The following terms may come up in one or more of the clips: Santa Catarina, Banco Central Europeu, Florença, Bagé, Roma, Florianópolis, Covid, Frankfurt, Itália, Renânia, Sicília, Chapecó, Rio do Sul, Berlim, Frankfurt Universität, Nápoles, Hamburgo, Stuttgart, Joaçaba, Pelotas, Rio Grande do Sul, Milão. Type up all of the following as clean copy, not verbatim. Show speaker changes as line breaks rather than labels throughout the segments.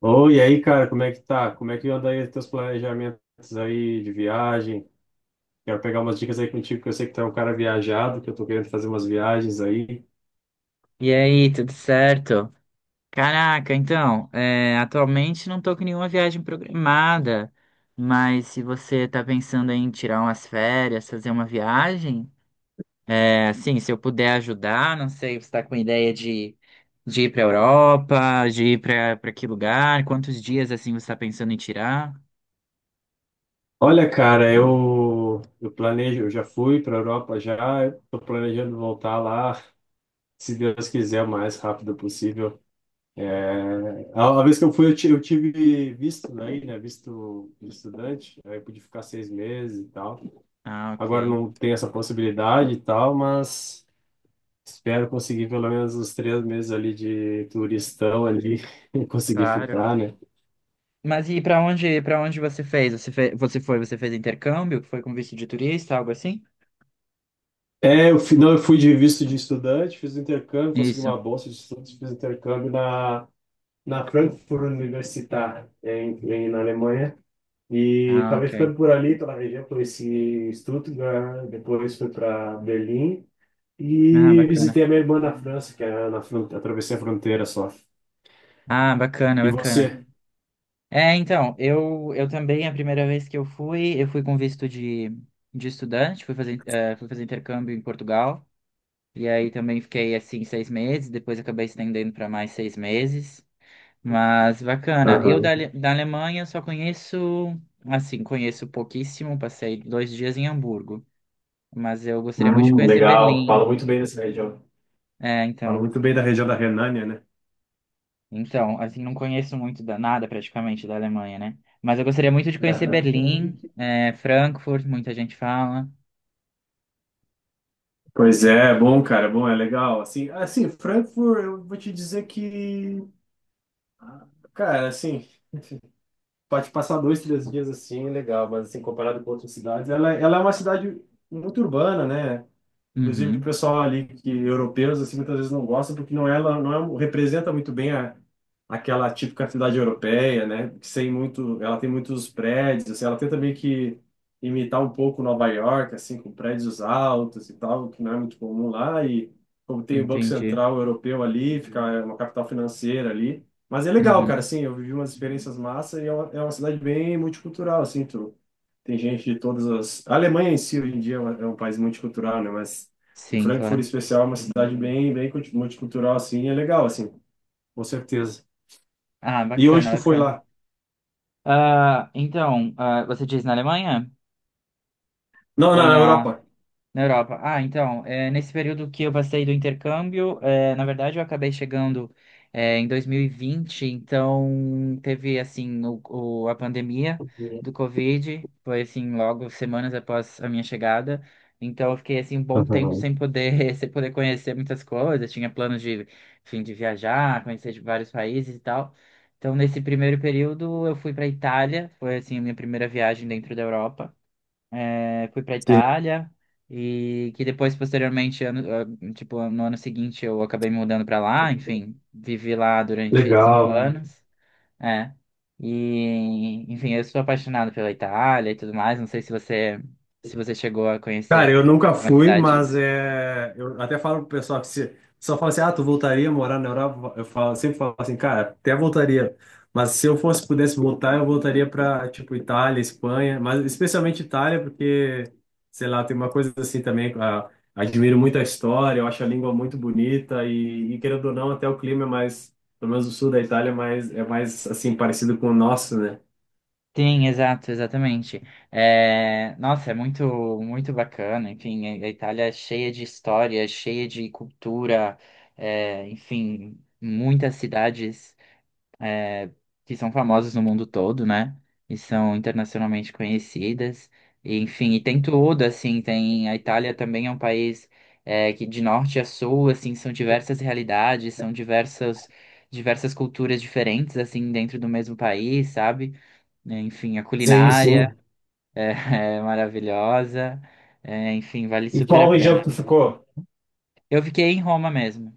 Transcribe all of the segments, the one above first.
Ô, e aí, cara, como é que tá? Como é que anda aí os teus planejamentos aí de viagem? Quero pegar umas dicas aí contigo, que eu sei que tu é um cara viajado, que eu tô querendo fazer umas viagens aí.
E aí, tudo certo? Caraca, então, atualmente não tô com nenhuma viagem programada, mas se você tá pensando em tirar umas férias, fazer uma viagem, é, assim, se eu puder ajudar, não sei, você tá com ideia de ir pra Europa, de ir pra que lugar, quantos dias, assim, você tá pensando em tirar?
Olha, cara, eu planejo, eu já fui pra Europa já, eu tô planejando voltar lá, se Deus quiser, o mais rápido possível. É, a vez que eu fui, eu tive visto daí, né, visto de estudante, aí eu pude ficar 6 meses e tal.
Ah, ok,
Agora não tem essa possibilidade e tal, mas... Espero conseguir pelo menos uns 3 meses ali de turistão ali, e conseguir
claro.
ficar, né?
Mas e pra onde, para onde você fez? Você foi, você fez intercâmbio, foi com visto de turista, algo assim?
É, eu fui, não, eu fui de visto de estudante, fiz o intercâmbio, consegui
Isso.
uma bolsa de estudos, fiz o intercâmbio na, na Frankfurt Universität, na Alemanha, e
Ah,
acabei
ok.
ficando por ali, pela região, conheci Stuttgart, depois fui para Berlim,
Ah,
e
bacana.
visitei a minha irmã na França, que é na atravessei a fronteira só.
Ah, bacana,
E
bacana.
você?
É, então, eu também, a primeira vez que eu fui com visto de estudante, fui fazer intercâmbio em Portugal, e aí também fiquei, assim, 6 meses, depois acabei estendendo para mais 6 meses, mas bacana.
Aham.
Da Alemanha só conheço, assim, conheço pouquíssimo, passei 2 dias em Hamburgo, mas eu gostaria muito de conhecer
Legal, falo
Berlim,
muito bem dessa região.
é,
Fala
então.
muito bem da região da Renânia, né?
Então, assim, não conheço muito nada praticamente da Alemanha, né? Mas eu gostaria muito de conhecer
Aham.
Berlim, é, Frankfurt, muita gente fala.
Pois é, é bom, cara, é bom, é legal. Assim, assim, Frankfurt, eu vou te dizer que, ah, cara, assim, pode passar dois, três dias assim, legal, mas assim, comparado com outras cidades, ela é uma cidade muito urbana, né? Inclusive, o
Uhum,
pessoal ali que europeus assim muitas vezes não gosta porque não ela não é- um, representa muito bem a, aquela típica cidade europeia, né? Que sem muito, ela tem muitos prédios, assim, ela tenta meio que imitar um pouco Nova York, assim, com prédios altos e tal, que não é muito comum lá e como tem o Banco
entendi.
Central Europeu ali, fica é uma capital financeira ali. Mas é legal, cara,
Uhum,
assim, eu vivi umas experiências massa e é é uma cidade bem multicultural, assim, tu tem gente de todas as. A Alemanha em si, hoje em dia, é é um país multicultural, né? Mas em
sim,
Frankfurt, em
claro.
especial, é uma cidade bem, multicultural, assim, é legal, assim, com certeza.
Ah,
E hoje
bacana,
tu foi
bacana.
lá?
Ah, então, ah, você diz na Alemanha?
Não, não,
Ou
na
na
Europa.
Na Europa. Ah, então, é, nesse período que eu passei do intercâmbio, é, na verdade eu acabei chegando é, em 2020, então teve, assim, a pandemia do Covid, foi, assim, logo semanas após a minha chegada, então eu fiquei, assim, um bom tempo sem poder, sem poder conhecer muitas coisas, tinha planos de, enfim, de viajar, conhecer de vários países e tal, então nesse primeiro período eu fui para Itália, foi, assim, a minha primeira viagem dentro da Europa, é, fui para
Sim,
Itália e que depois posteriormente ano, ah, tipo no ano seguinte eu acabei me mudando para lá, enfim, vivi lá durante cinco
legal.
anos é, e enfim eu sou apaixonado pela Itália e tudo mais, não sei se você se você chegou a
Cara,
conhecer
eu nunca
alguma
fui,
cidade.
mas é, eu até falo pro pessoal que se só fala assim, ah, tu voltaria a morar na Europa? Eu falo, sempre falo assim, cara, até voltaria. Mas se eu fosse, pudesse voltar, eu voltaria para tipo Itália, Espanha, mas especialmente Itália, porque sei lá, tem uma coisa assim também, admiro muito a história, eu acho a língua muito bonita e querendo ou não, até o clima é mais, pelo menos o sul da Itália, é mais assim parecido com o nosso, né?
Sim, exato, exatamente. É, nossa, é muito, muito bacana. Enfim, a Itália é cheia de história, cheia de cultura, é, enfim, muitas cidades que são famosas no mundo todo, né? E são internacionalmente conhecidas. E, enfim, e tem tudo, assim, tem, a Itália também é um país é, que de norte a sul, assim, são diversas realidades, são diversas culturas diferentes, assim, dentro do mesmo país, sabe? É, enfim, a
Sim,
culinária
sim.
é, é maravilhosa. É, enfim, vale
E
super a
qual região
pena.
que tu ficou?
Eu fiquei em Roma mesmo,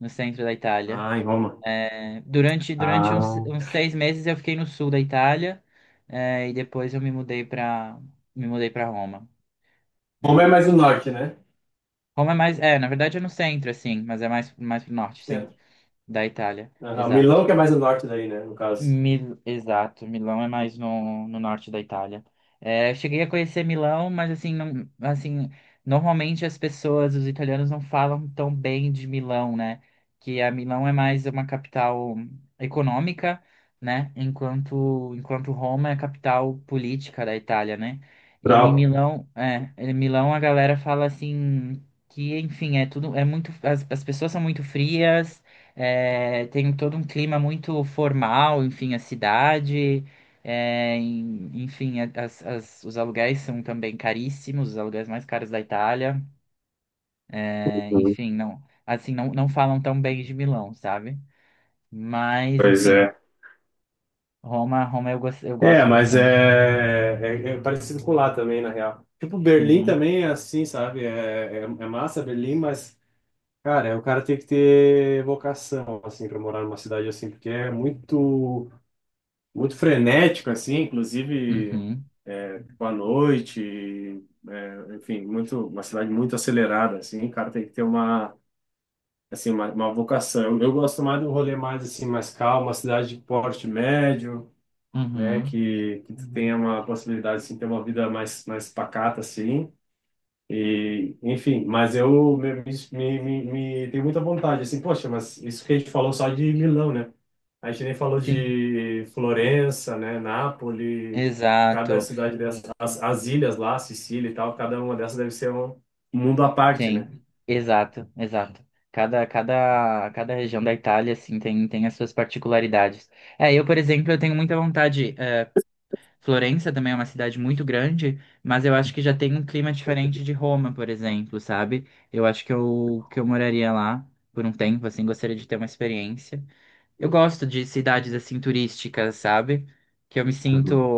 no centro da Itália.
Ah, em Roma.
É, durante
Ah.
uns 6 meses eu fiquei no sul da Itália, é, e depois eu me mudei para Roma.
Roma
É.
é mais o norte, né?
Roma é mais, é, na verdade é no centro, assim, mas é mais pro norte, sim,
Centro.
da Itália.
Aham.
Exato.
Milão que é mais o norte daí, né? No caso.
Mil... Exato, Milão é mais no norte da Itália. É, eu cheguei a conhecer Milão, mas assim, não, assim, normalmente as pessoas, os italianos não falam tão bem de Milão, né? Que a Milão é mais uma capital econômica, né? Enquanto, enquanto Roma é a capital política da Itália, né? E em
Pra-
Milão, é, em Milão a galera fala assim que, enfim, é tudo, é muito, as pessoas são muito frias, é, tem todo um clima muito formal, enfim, a cidade, é, em- enfim, os aluguéis são também caríssimos, os aluguéis mais caros da Itália. É,
Uhum.
enfim, não, assim, não, não falam tão bem de Milão, sabe? Mas,
Pois
enfim,
é.
Roma eu, gos- eu
É,
gosto
mas
bastante.
é, é, é parecido com lá também, na real. Tipo, Berlim
Uhum,
também é assim, sabe? É massa Berlim, mas, cara, o cara tem que ter vocação, assim, pra morar numa cidade assim, porque é muito, muito frenético, assim, inclusive,
uhum,
é, tipo, à noite, é, enfim, muito, uma cidade muito acelerada, assim, o cara tem que ter uma assim, uma vocação. Eu gosto mais do rolê mais, assim, mais calmo, uma cidade de porte médio, né,
uhum.
que tu tenha uma possibilidade, assim, de ter uma vida mais, mais pacata, assim, e, enfim, mas eu me, me, me, me tenho muita vontade, assim, poxa, mas isso que a gente falou só de Milão, né, a gente nem falou
Sim,
de Florença, né, Nápoles, cada
exato.
cidade dessas, as ilhas lá, Sicília e tal, cada uma dessas deve ser um mundo à parte, né?
Tem, exato, exato. Cada região da Itália, assim, tem, tem as suas particularidades. É, eu, por exemplo, eu tenho muita vontade, é, Florença também é uma cidade muito grande, mas eu acho que já tem um clima diferente de Roma, por exemplo, sabe? Eu acho que que eu moraria lá por um tempo, assim, gostaria de ter uma experiência. Eu gosto de cidades, assim, turísticas, sabe? Que eu me sinto,
Uhum.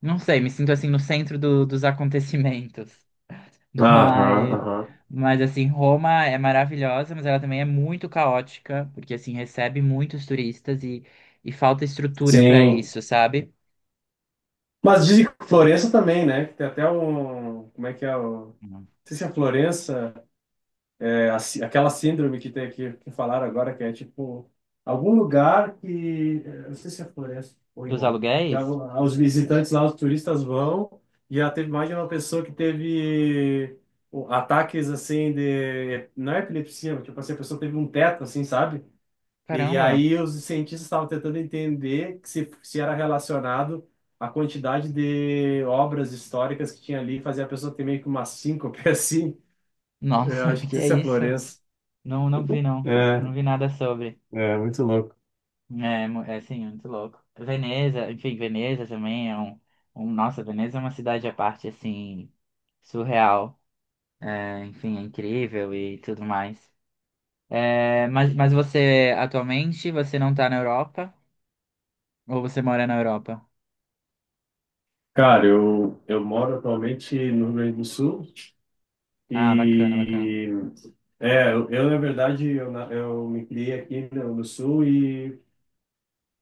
não sei, me sinto, assim, no centro do- dos acontecimentos.
Aham,
Mas,
aham.
mas assim, Roma é maravilhosa, mas ela também é muito caótica, porque assim recebe muitos turistas e falta estrutura para
Sim.
isso, sabe?
Mas dizem que Florença também, né? Que tem até um. Como é que é o. Não
Uhum.
sei se é Florença, é a aquela síndrome que tem aqui, que falaram agora, que é tipo. Algum lugar que eu não sei se é Florença ou em
Dos
Roma.
aluguéis?
Os visitantes lá, os turistas vão. E já teve mais de uma pessoa que teve ataques assim de. Não é epilepsia, mas tipo assim, a pessoa teve um teto, assim, sabe? E
Caramba,
aí os cientistas estavam tentando entender que se era relacionado à quantidade de obras históricas que tinha ali, fazia a pessoa ter meio que uma síncope assim. Eu
nossa,
acho
que
que
é
isso é
isso?
Florença.
Não, não vi não, não
É,
vi nada sobre.
é muito louco.
É, mu- é assim, muito louco. Veneza, enfim, Veneza também é nossa, Veneza é uma cidade à parte, assim, surreal. É, enfim, é incrível e tudo mais. É, mas você atualmente você não tá na Europa? Ou você mora na Europa?
Cara, eu moro atualmente no Rio Grande do Sul
Ah, bacana, bacana.
e é, na verdade eu me criei aqui no Sul e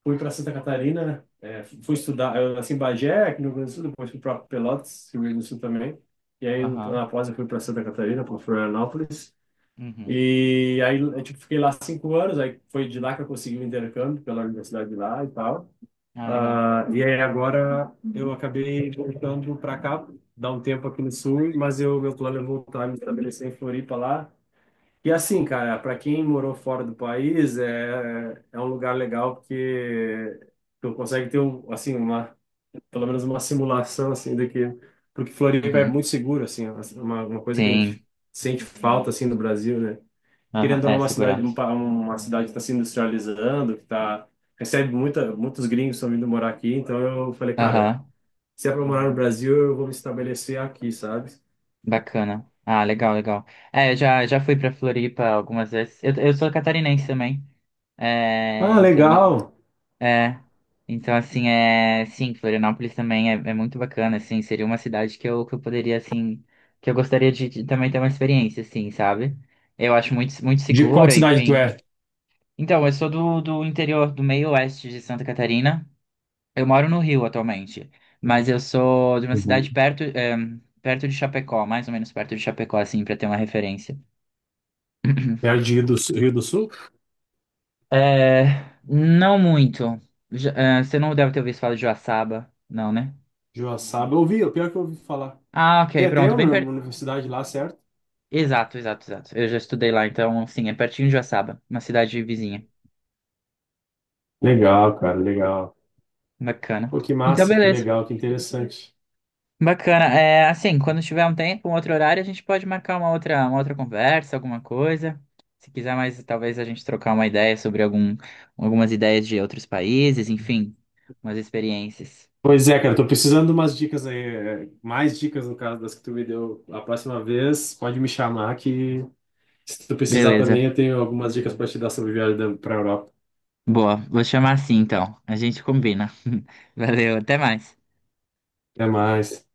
fui para Santa Catarina, né? É, fui estudar, eu nasci em Bagé, aqui no Rio Grande do Sul, depois fui para Pelotas, Rio Grande do Sul também. E aí,
Aham.
na pós, eu fui para Santa Catarina, para Florianópolis.
Uhum.
E aí, eu, tipo, fiquei lá 5 anos, aí foi de lá que eu consegui o intercâmbio pela universidade de lá e tal.
Ah, legal.
Ah, e aí, agora, eu acabei voltando para cá, dar um tempo aqui no Sul, mas eu, meu plano é voltar a me estabelecer em Floripa lá, e assim, cara, para quem morou fora do país, é, é um lugar legal porque tu consegue ter um, assim uma, pelo menos uma simulação assim do que porque Floripa é
Uhum.
muito seguro assim, é uma coisa que a
Sim.
gente sente falta. Uhum. Assim no Brasil, né?
Aham.
Querendo ou não,
É,
uma cidade
segurança.
uma cidade que está se industrializando, que tá recebe muita muitos gringos estão vindo morar aqui, então eu falei, cara,
Aham.
se é para morar no Brasil, eu vou me estabelecer aqui, sabe?
Bacana. Ah, legal, legal. É, eu já, já fui pra Floripa algumas vezes. Eu sou catarinense também. É,
Ah,
então.
legal.
É. Então, assim, é. Sim, Florianópolis também é, é muito bacana, assim. Seria uma cidade que eu poderia, assim, que eu gostaria de também ter uma experiência, assim, sabe? Eu acho muito, muito
De qual
segura,
cidade tu
enfim.
é?
Então, eu sou do interior, do meio oeste de Santa Catarina. Eu moro no Rio atualmente, mas eu sou de uma cidade perto, é, perto de Chapecó, mais ou menos perto de Chapecó, assim, pra ter uma referência.
Perto de Rio do Sul, Rio do Sul?
É. Não muito. Já- é, você não deve ter ouvido falar de Joaçaba, não, né?
Joaçaba, eu ouvi, é o pior que eu ouvi falar.
Ah,
Tem
ok,
até
pronto.
uma
Bem, per-
universidade lá, certo?
Exato, exato, exato. Eu já estudei lá, então, assim, é pertinho de Joaçaba, uma cidade vizinha.
Legal, cara, legal.
Bacana.
Pô, que
Então,
massa, que
beleza.
legal, que interessante.
Bacana. É, assim, quando tiver um tempo, um outro horário, a gente pode marcar uma outra conversa, alguma coisa. Se quiser mais, talvez a gente trocar uma ideia sobre algum, algumas ideias de outros países, enfim, umas experiências.
Pois é, cara, tô precisando de umas dicas aí, é, mais dicas no caso das que tu me deu a próxima vez, pode me chamar que se tu precisar
Beleza.
também eu tenho algumas dicas para te dar sobre viagem para Europa.
Boa. Vou chamar assim, então. A gente combina. Valeu, até mais.
Até mais.